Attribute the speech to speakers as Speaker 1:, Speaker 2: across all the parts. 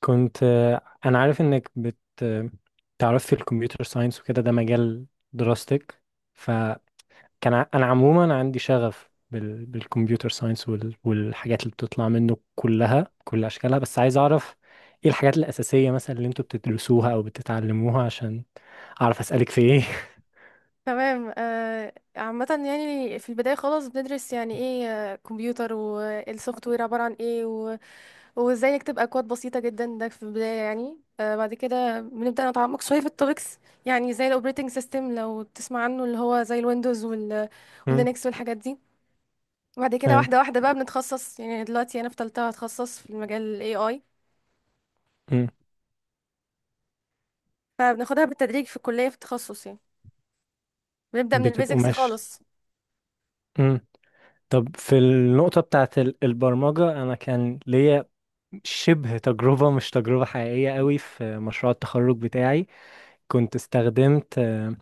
Speaker 1: كنت آه، انا عارف انك بت آه، تعرف في الكمبيوتر ساينس وكده، ده مجال دراستك. فكان انا عموما عندي شغف بالكمبيوتر ساينس والحاجات اللي بتطلع منه كلها، كل اشكالها، بس عايز اعرف ايه الحاجات الاساسيه مثلا اللي انتوا بتدرسوها او بتتعلموها عشان اعرف اسالك في ايه.
Speaker 2: تمام. عامة يعني في البداية خالص بندرس يعني ايه، كمبيوتر والسوفت وير عبارة عن ايه و... وازاي نكتب اكواد بسيطة جدا، ده في البداية يعني. بعد كده بنبدأ نتعمق شوية في التوبكس، يعني زي الاوبريتنج سيستم لو تسمع عنه، اللي هو زي الويندوز وال...
Speaker 1: امم
Speaker 2: واللينكس والحاجات دي. وبعد كده
Speaker 1: ايوه.
Speaker 2: واحدة واحدة بقى بنتخصص، يعني دلوقتي انا في تالتة، هتخصص في المجال ال AI،
Speaker 1: امم
Speaker 2: فبناخدها بالتدريج في الكلية في التخصص يعني، بنبدأ من
Speaker 1: بتبقوا
Speaker 2: البيزكس
Speaker 1: ماشي.
Speaker 2: خالص.
Speaker 1: امم طب في النقطه بتاعت البرمجه، انا كان ليا شبه تجربة، مش تجربة حقيقية قوي، في مشروع التخرج بتاعي. كنت استخدمت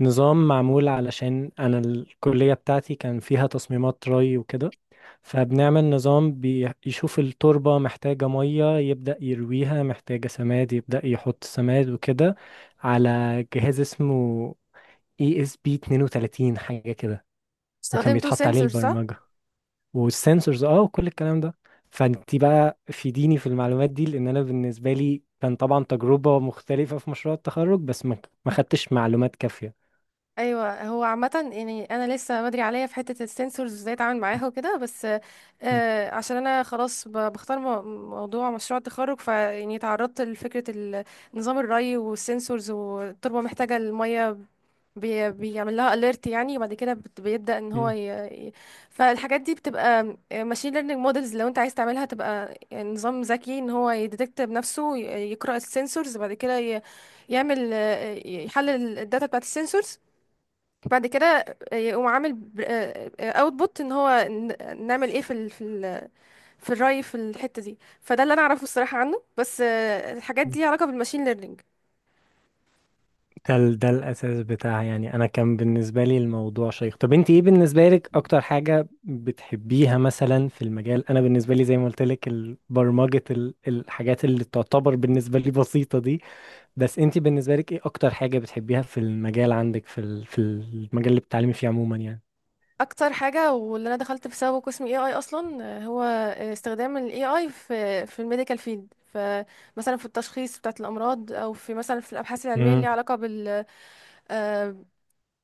Speaker 1: نظام معمول علشان أنا الكلية بتاعتي كان فيها تصميمات ري وكده، فبنعمل نظام بيشوف التربة محتاجة مية يبدأ يرويها، محتاجة سماد يبدأ يحط سماد وكده، على جهاز اسمه ESP 32 حاجة كده. وكان
Speaker 2: استخدمتوا
Speaker 1: بيتحط عليه
Speaker 2: سنسور صح؟
Speaker 1: البرمجة والسنسورز اه وكل الكلام ده. فانت بقى فيديني في المعلومات دي، لان انا بالنسبه لي كان طبعا تجربه مختلفه في مشروع التخرج، بس ما خدتش معلومات كافيه.
Speaker 2: ايوه، هو عامه يعني انا لسه بدري عليا في حته السنسورز ازاي اتعامل معاها وكده، بس
Speaker 1: م-
Speaker 2: آه عشان انا خلاص بختار موضوع مشروع التخرج، فيعني تعرضت لفكره نظام الري والسنسورز والتربه محتاجه الميه، بي بيعمل لها اليرت يعني، وبعد كده بيبدا ان هو
Speaker 1: م-
Speaker 2: ي- فالحاجات دي بتبقى ماشين ليرنينج مودلز. لو انت عايز تعملها تبقى يعني نظام ذكي ان هو يديتكت بنفسه، يقرا السنسورز، بعد كده يعمل، يحلل الداتا بتاعت السنسورز، بعد كده يقوم عامل اوتبوت ان هو نعمل ايه في ال في ال في الري، في الحته دي. فده اللي انا اعرفه الصراحه عنه، بس الحاجات
Speaker 1: م.
Speaker 2: دي ليها علاقه بالماشين ليرنينج.
Speaker 1: ده الاساس بتاعها يعني. انا كان بالنسبه لي الموضوع شيق. طب انت ايه بالنسبه لك اكتر حاجه بتحبيها مثلا في المجال؟ انا بالنسبه لي زي ما قلت لك برمجه الحاجات اللي تعتبر بالنسبه لي بسيطه دي، بس انت بالنسبه لك ايه اكتر حاجه بتحبيها في المجال عندك، في في المجال اللي بتتعلمي فيه عموما يعني؟
Speaker 2: اكتر حاجه واللي انا دخلت بسببه قسم اي اي اصلا، هو استخدام الاي اي في في الميديكال فيلد. فمثلا في التشخيص بتاعت الامراض، او في مثلا في الابحاث العلميه اللي
Speaker 1: امم
Speaker 2: ليها علاقه بال، آه،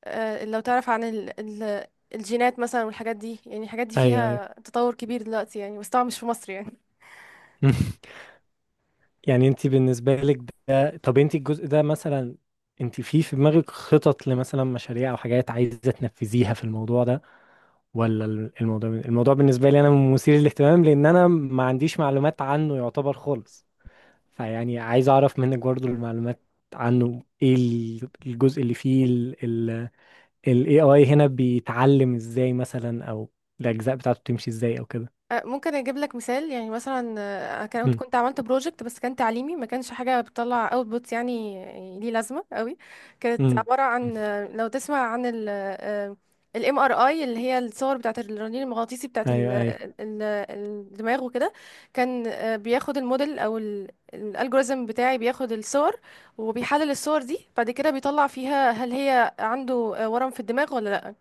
Speaker 2: لو تعرف عن ال الجينات مثلا والحاجات دي، يعني الحاجات دي
Speaker 1: ايوه. ايوه.
Speaker 2: فيها تطور كبير دلوقتي يعني، بس طبعا مش في مصر يعني.
Speaker 1: يعني انت بالنسبه لك ده، طب انت الجزء ده مثلا، انت في في دماغك خطط لمثلا مشاريع او حاجات عايزه تنفذيها في الموضوع ده، ولا الموضوع بالنسبه لي انا مثير للاهتمام، لان انا ما عنديش معلومات عنه يعتبر خالص؟ فيعني عايز اعرف منك برضو المعلومات عنه. ايه الجزء اللي فيه ال AI هنا بيتعلم ازاي مثلا، او الاجزاء بتاعته بتمشي ازاي او كده؟
Speaker 2: ممكن اجيب لك مثال يعني. مثلا، كنت
Speaker 1: امم
Speaker 2: كنت عملت بروجكت بس كان تعليمي، ما كانش حاجه بتطلع اوتبوت يعني، يعني ليه لازمه قوي. كانت
Speaker 1: امم
Speaker 2: عباره عن، لو تسمع عن الام ار اي، اللي هي الصور بتاعه الرنين المغناطيسي بتاعه
Speaker 1: ايوه.
Speaker 2: ال- الدماغ وكده. كان بياخد الموديل او الالجوريزم بتاعي، بياخد الصور وبيحلل الصور دي، بعد كده بيطلع فيها هل هي عنده ورم في الدماغ ولا لا.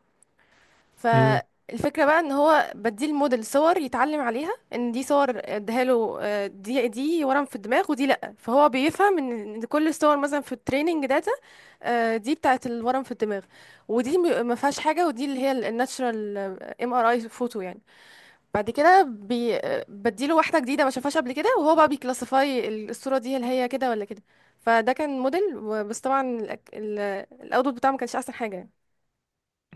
Speaker 1: ايوه.
Speaker 2: فالفكرة بقى ان هو بديه الموديل صور يتعلم عليها، ان دي صور اديها له، دي ورم في الدماغ، ودي لا، فهو بيفهم ان إن كل الصور مثلا في التريننج داتا، دي بتاعت الورم في الدماغ، ودي ما فيهاش حاجة، ودي اللي هي الناتشرال ام ار اي فوتو يعني. بعد كده بي آه، بديله واحدة جديدة ما شافهاش قبل كده، وهو بقى بيكلاسيفاي الصورة دي هل هي كده ولا كده. فده كان موديل، بس طبعا الاوتبوت بتاعه ما كانش احسن حاجة يعني.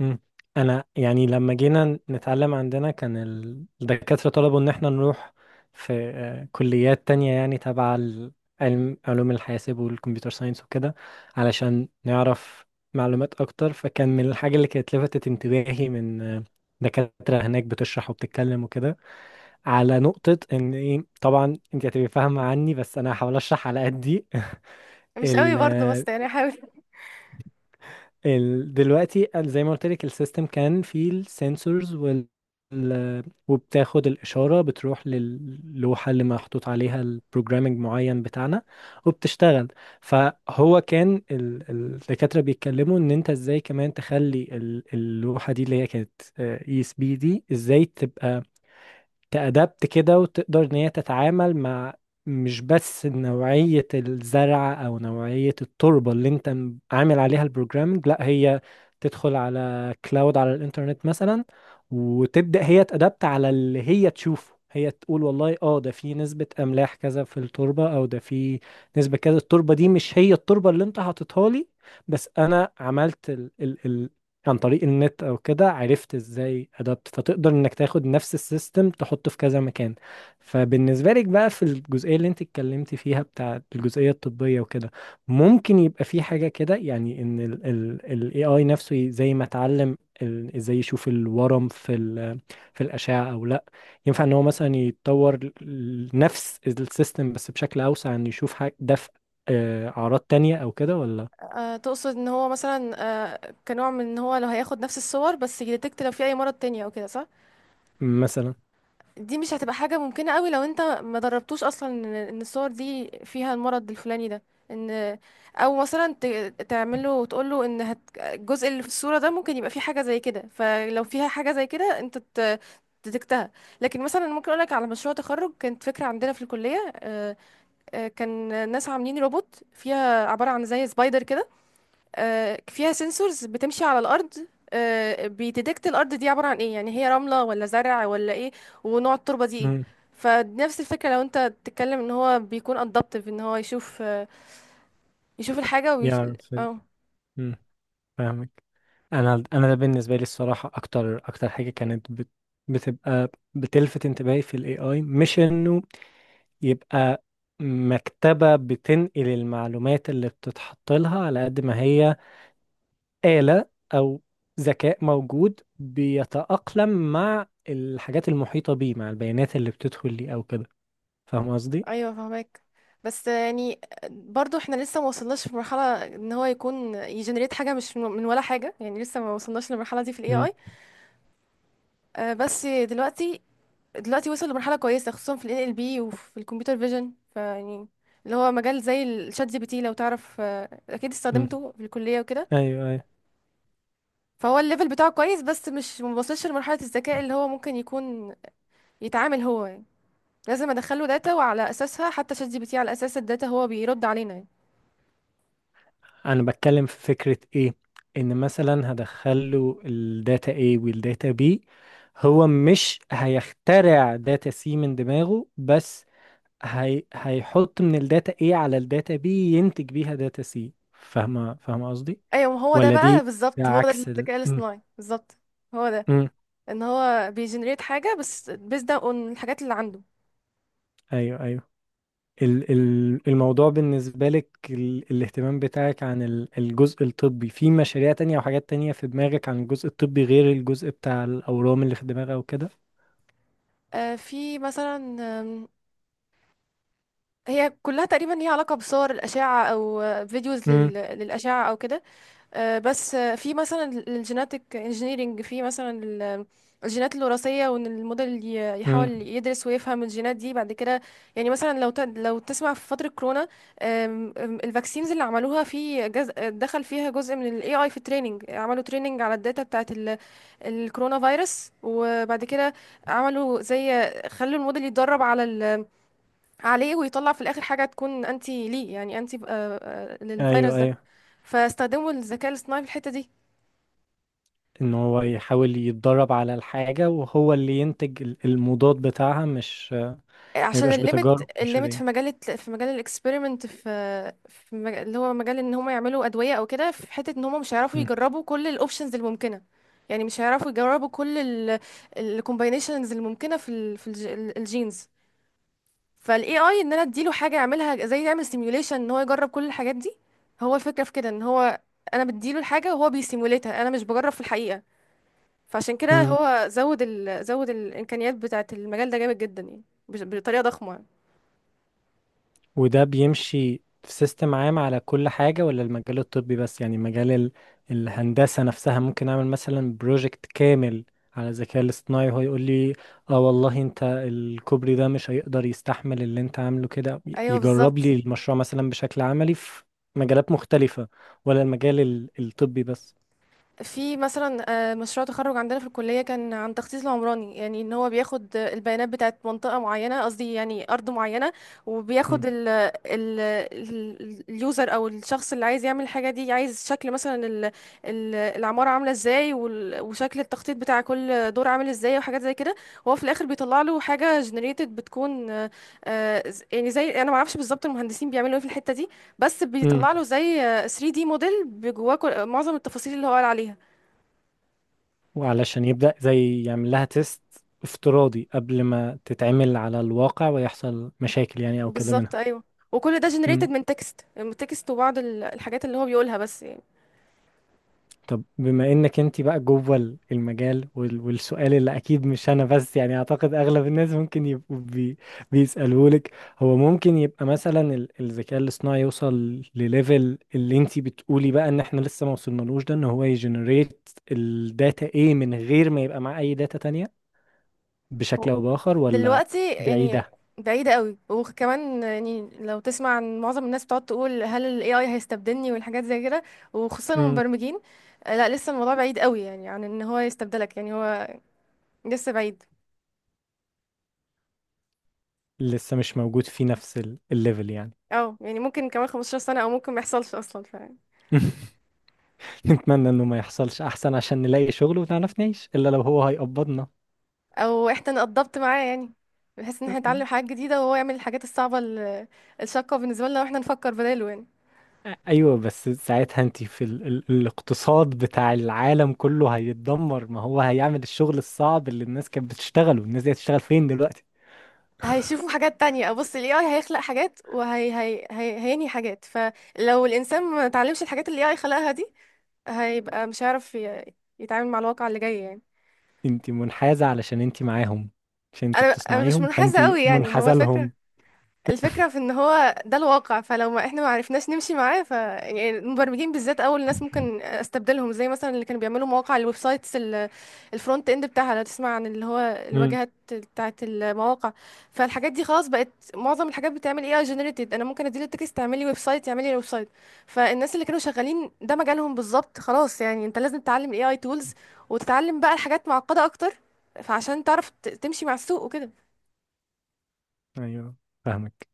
Speaker 1: مم. انا يعني لما جينا نتعلم، عندنا كان الدكاترة طلبوا ان احنا نروح في كليات تانية يعني تبع علم علوم الحاسب والكمبيوتر ساينس وكده، علشان نعرف معلومات اكتر. فكان من الحاجة اللي كانت لفتت انتباهي من دكاترة هناك بتشرح وبتتكلم وكده، على نقطة ان ايه، طبعا انت هتبقي فاهمة عني بس انا هحاول اشرح على قدي.
Speaker 2: مش قوي برضه،
Speaker 1: ال-
Speaker 2: بس يعني حاول.
Speaker 1: دلوقتي زي ما قلت لك السيستم كان فيه السنسورز ال- وبتاخد الإشارة، بتروح للوحة اللي محطوط عليها البروجرامينج معين بتاعنا وبتشتغل. فهو كان الدكاترة بيتكلموا إن أنت إزاي كمان تخلي اللوحة دي اللي هي كانت اي اس بي دي إزاي تبقى تأدبت كده، وتقدر ان هي تتعامل مع مش بس نوعية الزرع او نوعية التربة اللي انت عامل عليها البروجرامنج، لا هي تدخل على كلاود، على الانترنت مثلا، وتبدأ هي تأدبت على اللي هي تشوفه. هي تقول والله اه ده في نسبة املاح كذا في التربة، او ده في نسبة كذا، التربة دي مش هي التربة اللي انت حاططها لي، بس انا عملت عن طريق النت او كده عرفت ازاي ادابت. فتقدر انك تاخد نفس السيستم تحطه في كذا مكان. فبالنسبه لك بقى في الجزئيه اللي انت اتكلمتي فيها بتاع الجزئيه الطبيه وكده، ممكن يبقى في حاجه كده يعني ان ال AI نفسه زي ما اتعلم ازاي يشوف الورم في في الاشعه او لا، ينفع ان هو مثلا يتطور نفس السيستم بس بشكل اوسع ان يشوف حاجه ده في اعراض تانية او كده ولا؟
Speaker 2: تقصد ان هو مثلا، كنوع من ان هو لو هياخد نفس الصور بس يديتكت لو في اي مرض تاني او كده، صح؟
Speaker 1: مثلا.
Speaker 2: دي مش هتبقى حاجة ممكنة قوي لو انت ما دربتوش اصلا ان إن الصور دي فيها المرض الفلاني ده. ان او مثلا تعمله وتقوله ان هت... الجزء اللي في الصورة ده ممكن يبقى فيه حاجة زي كده، فلو فيها حاجة زي كده انت ت... تدكتها. لكن مثلا ممكن اقولك على مشروع تخرج كانت فكرة عندنا في الكلية، كان ناس عاملين روبوت، فيها عبارة عن زي سبايدر كده، فيها سنسورز بتمشي على الارض، بيديتكت الارض دي عباره عن ايه، يعني هي رمله ولا زرع ولا ايه، ونوع التربه دي ايه.
Speaker 1: مم.
Speaker 2: فنفس الفكره لو انت تتكلم ان هو بيكون ادابتيف، ان هو يشوف، يشوف الحاجه ويش...
Speaker 1: يعرف
Speaker 2: اه.
Speaker 1: مم. فاهمك. انا ده بالنسبه لي الصراحه اكتر حاجه كانت بتبقى بتلفت انتباهي في الاي اي، مش انه يبقى مكتبه بتنقل المعلومات اللي بتتحط لها، على قد ما هي آلة او ذكاء موجود بيتأقلم مع الحاجات المحيطه بيه، مع البيانات اللي بتدخل ليه او كده. فاهم قصدي؟
Speaker 2: ايوه فهمك، بس يعني برضو احنا لسه ما وصلناش في مرحله ان هو يكون يجنريت حاجه مش من ولا حاجه، يعني لسه ما وصلناش للمرحله دي في الاي
Speaker 1: مم.
Speaker 2: اي. بس دلوقتي وصل لمرحلة كويسة، خصوصا في ال NLP وفي الكمبيوتر فيجن، فيعني اللي هو مجال زي الشات جي بي تي، لو تعرف، اكيد
Speaker 1: مم.
Speaker 2: استخدمته في الكلية وكده.
Speaker 1: ايوه.
Speaker 2: فهو الليفل بتاعه كويس، بس مش موصلش لمرحلة الذكاء اللي هو ممكن يكون يتعامل هو يعني، لازم ادخله داتا وعلى اساسها، حتى شات جي بي تي على اساس الداتا هو بيرد علينا يعني.
Speaker 1: انا بتكلم في فكرة ايه، ان مثلا هدخله الداتا A والداتا B، هو مش هيخترع داتا C من دماغه، بس هيحط من الداتا A على الداتا B ينتج بيها داتا C. فاهمة قصدي؟
Speaker 2: ايوه، ما هو ده
Speaker 1: ولا
Speaker 2: بقى
Speaker 1: دي، ده
Speaker 2: بالظبط، هو ده
Speaker 1: عكس
Speaker 2: الذكاء
Speaker 1: م.
Speaker 2: الاصطناعي بالظبط، هو ده
Speaker 1: م.
Speaker 2: ان هو بيجنريت حاجة بس بيزد اون الحاجات اللي عنده.
Speaker 1: ايوه. ايوه. الموضوع بالنسبة لك، الاهتمام بتاعك عن الجزء الطبي، في مشاريع تانية أو حاجات تانية في دماغك عن الجزء الطبي غير الجزء بتاع الأورام اللي في دماغها وكده؟
Speaker 2: في مثلا، هي كلها تقريبا ليها علاقة بصور الأشعة، أو فيديوز
Speaker 1: امم
Speaker 2: لل... للأشعة أو كده. آه، بس آه، في مثلا الجيناتيك انجينيرينج، في مثلا الجينات الوراثية، وإن الموديل يحاول
Speaker 1: امم
Speaker 2: يدرس ويفهم الجينات دي. بعد كده يعني مثلا لو ت... لو تسمع في فترة كورونا، آم، آم، الفاكسينز اللي عملوها في جز... دخل فيها جزء من ال AI في التريننج، عملوا تريننج على الداتا بتاعت الكورونا فيروس، وبعد كده عملوا زي خلوا الموديل يتدرب على عليه، ويطلع في الاخر حاجه تكون انتي ليه، يعني انتي، للفيروس
Speaker 1: أيوه.
Speaker 2: ده.
Speaker 1: أيوه.
Speaker 2: فاستخدموا الذكاء الاصطناعي في الحته دي
Speaker 1: إن هو يحاول يتدرب على الحاجة وهو اللي ينتج المضاد بتاعها، مش ما
Speaker 2: عشان
Speaker 1: يبقاش
Speaker 2: الليمت
Speaker 1: بتجارب
Speaker 2: الليمت
Speaker 1: بشرية.
Speaker 2: في مجال في مجال الاكسبيرمنت، في اللي هو مجال ان هم يعملوا ادويه او كده، في حته ان هم مش هيعرفوا يجربوا كل الاوبشنز الممكنه، يعني مش هيعرفوا يجربوا كل الكومباينيشنز الممكنه في ال في الجينز. فالاي اي، ان انا اديله حاجه يعملها زي يعمل سيميوليشن ان هو يجرب كل الحاجات دي. هو الفكره في كده ان هو انا بديله الحاجه وهو بيسيموليتها، انا مش بجرب في الحقيقه. فعشان كده هو زود الامكانيات بتاعه. المجال ده جامد جدا يعني، بطريقه ضخمه.
Speaker 1: وده بيمشي في سيستم عام على كل حاجة، ولا المجال الطبي بس؟ يعني مجال الهندسة نفسها ممكن أعمل مثلا بروجكت كامل على الذكاء الاصطناعي وهو يقول لي اه والله انت الكوبري ده مش هيقدر يستحمل اللي انت عامله كده،
Speaker 2: ايوه
Speaker 1: يجرب لي
Speaker 2: بالظبط.
Speaker 1: المشروع مثلا بشكل عملي في مجالات مختلفة، ولا المجال الطبي بس؟
Speaker 2: في مثلا، مشروع تخرج عندنا في الكلية كان عن تخصيص العمراني، يعني ان هو بياخد، البيانات بتاعت منطقة معينة، قصدي يعني أرض معينة،
Speaker 1: مم.
Speaker 2: وبياخد ال اليوزر او الشخص اللي عايز يعمل الحاجة دي، عايز شكل مثلا ال العمارة عاملة ازاي، وال- وشكل التخطيط بتاع كل دور عامل ازاي، وحاجات زي كده. وهو في الاخر بيطلع له حاجة generated، بتكون يعني زي، انا ما اعرفش بالظبط المهندسين بيعملوا ايه في الحتة دي، بس
Speaker 1: مم.
Speaker 2: بيطلع له زي 3D موديل بجواه معظم التفاصيل اللي هو قال عليها.
Speaker 1: وعلشان يبدأ زي يعمل لها تيست افتراضي قبل ما تتعمل على الواقع ويحصل مشاكل يعني أو كده
Speaker 2: بالظبط
Speaker 1: منها.
Speaker 2: ايوه. وكل ده generated من تكست، من تكست وبعض الحاجات اللي هو بيقولها بس يعني.
Speaker 1: طب بما انك انت بقى جوه المجال والسؤال اللي اكيد مش انا بس يعني اعتقد اغلب الناس ممكن يبقوا بيسألوه لك، هو ممكن يبقى مثلا الذكاء الاصطناعي يوصل لليفل اللي انت بتقولي بقى ان احنا لسه ما وصلنالوش ده، ان هو يجنريت الداتا ايه من غير ما يبقى معاه اي داتا تانية
Speaker 2: هو
Speaker 1: بشكل او باخر، ولا
Speaker 2: دلوقتي يعني
Speaker 1: بعيدة؟
Speaker 2: بعيدة قوي. وكمان يعني لو تسمع عن معظم الناس بتقعد تقول هل ال AI هيستبدلني والحاجات زي كده، وخصوصا
Speaker 1: مم.
Speaker 2: المبرمجين. لا لسه الموضوع بعيد قوي يعني عن ان هو يستبدلك، يعني هو لسه بعيد.
Speaker 1: لسه مش موجود في نفس الليفل يعني.
Speaker 2: اه يعني ممكن كمان 15 سنة، او ممكن ما يحصلش اصلا. ف
Speaker 1: نتمنى انه ما يحصلش احسن، عشان نلاقي شغل ونعرف نعيش، الا لو هو هيقبضنا.
Speaker 2: او احنا نقضبط معاه يعني، بحيث ان احنا نتعلم حاجات جديده، وهو يعمل الحاجات الصعبه الشاقه بالنسبه لنا، واحنا نفكر بداله يعني.
Speaker 1: ايوه، بس ساعتها انت في الاقتصاد بتاع العالم كله هيتدمر، ما هو هيعمل الشغل الصعب اللي الناس كانت بتشتغله، الناس دي هتشتغل فين دلوقتي؟
Speaker 2: هيشوفوا حاجات تانية. بص، ال AI هيخلق حاجات، وهي هي هي هينهي حاجات، فلو الإنسان ما اتعلمش الحاجات اللي AI خلقها دي، هيبقى مش هيعرف يتعامل مع الواقع اللي جاي يعني.
Speaker 1: انت منحازة علشان انت معاهم، عشان انت
Speaker 2: أنا مش
Speaker 1: بتصنعيهم، فانت
Speaker 2: منحازة قوي يعني. هو
Speaker 1: منحازة
Speaker 2: الفكرة
Speaker 1: لهم.
Speaker 2: الفكرة في ان هو ده الواقع، فلو ما احنا ما عرفناش نمشي معاه، ف يعني المبرمجين بالذات اول ناس ممكن استبدلهم. زي مثلا اللي كانوا بيعملوا مواقع الويب سايتس، الفرونت اند بتاعها، لو تسمع عن، اللي هو
Speaker 1: امم
Speaker 2: الواجهات بتاعة المواقع. فالحاجات دي خلاص بقت معظم الحاجات بتعمل اي اي جنريتد، انا ممكن اديله التكست تعملي ويب سايت، يعمل لي ويب سايت. فالناس اللي كانوا شغالين ده مجالهم بالظبط خلاص يعني. انت لازم تتعلم الاي اي تولز، وتتعلم بقى الحاجات معقدة اكتر، فعشان تعرف تمشي مع السوق وكده.
Speaker 1: ايوه. فاهمك.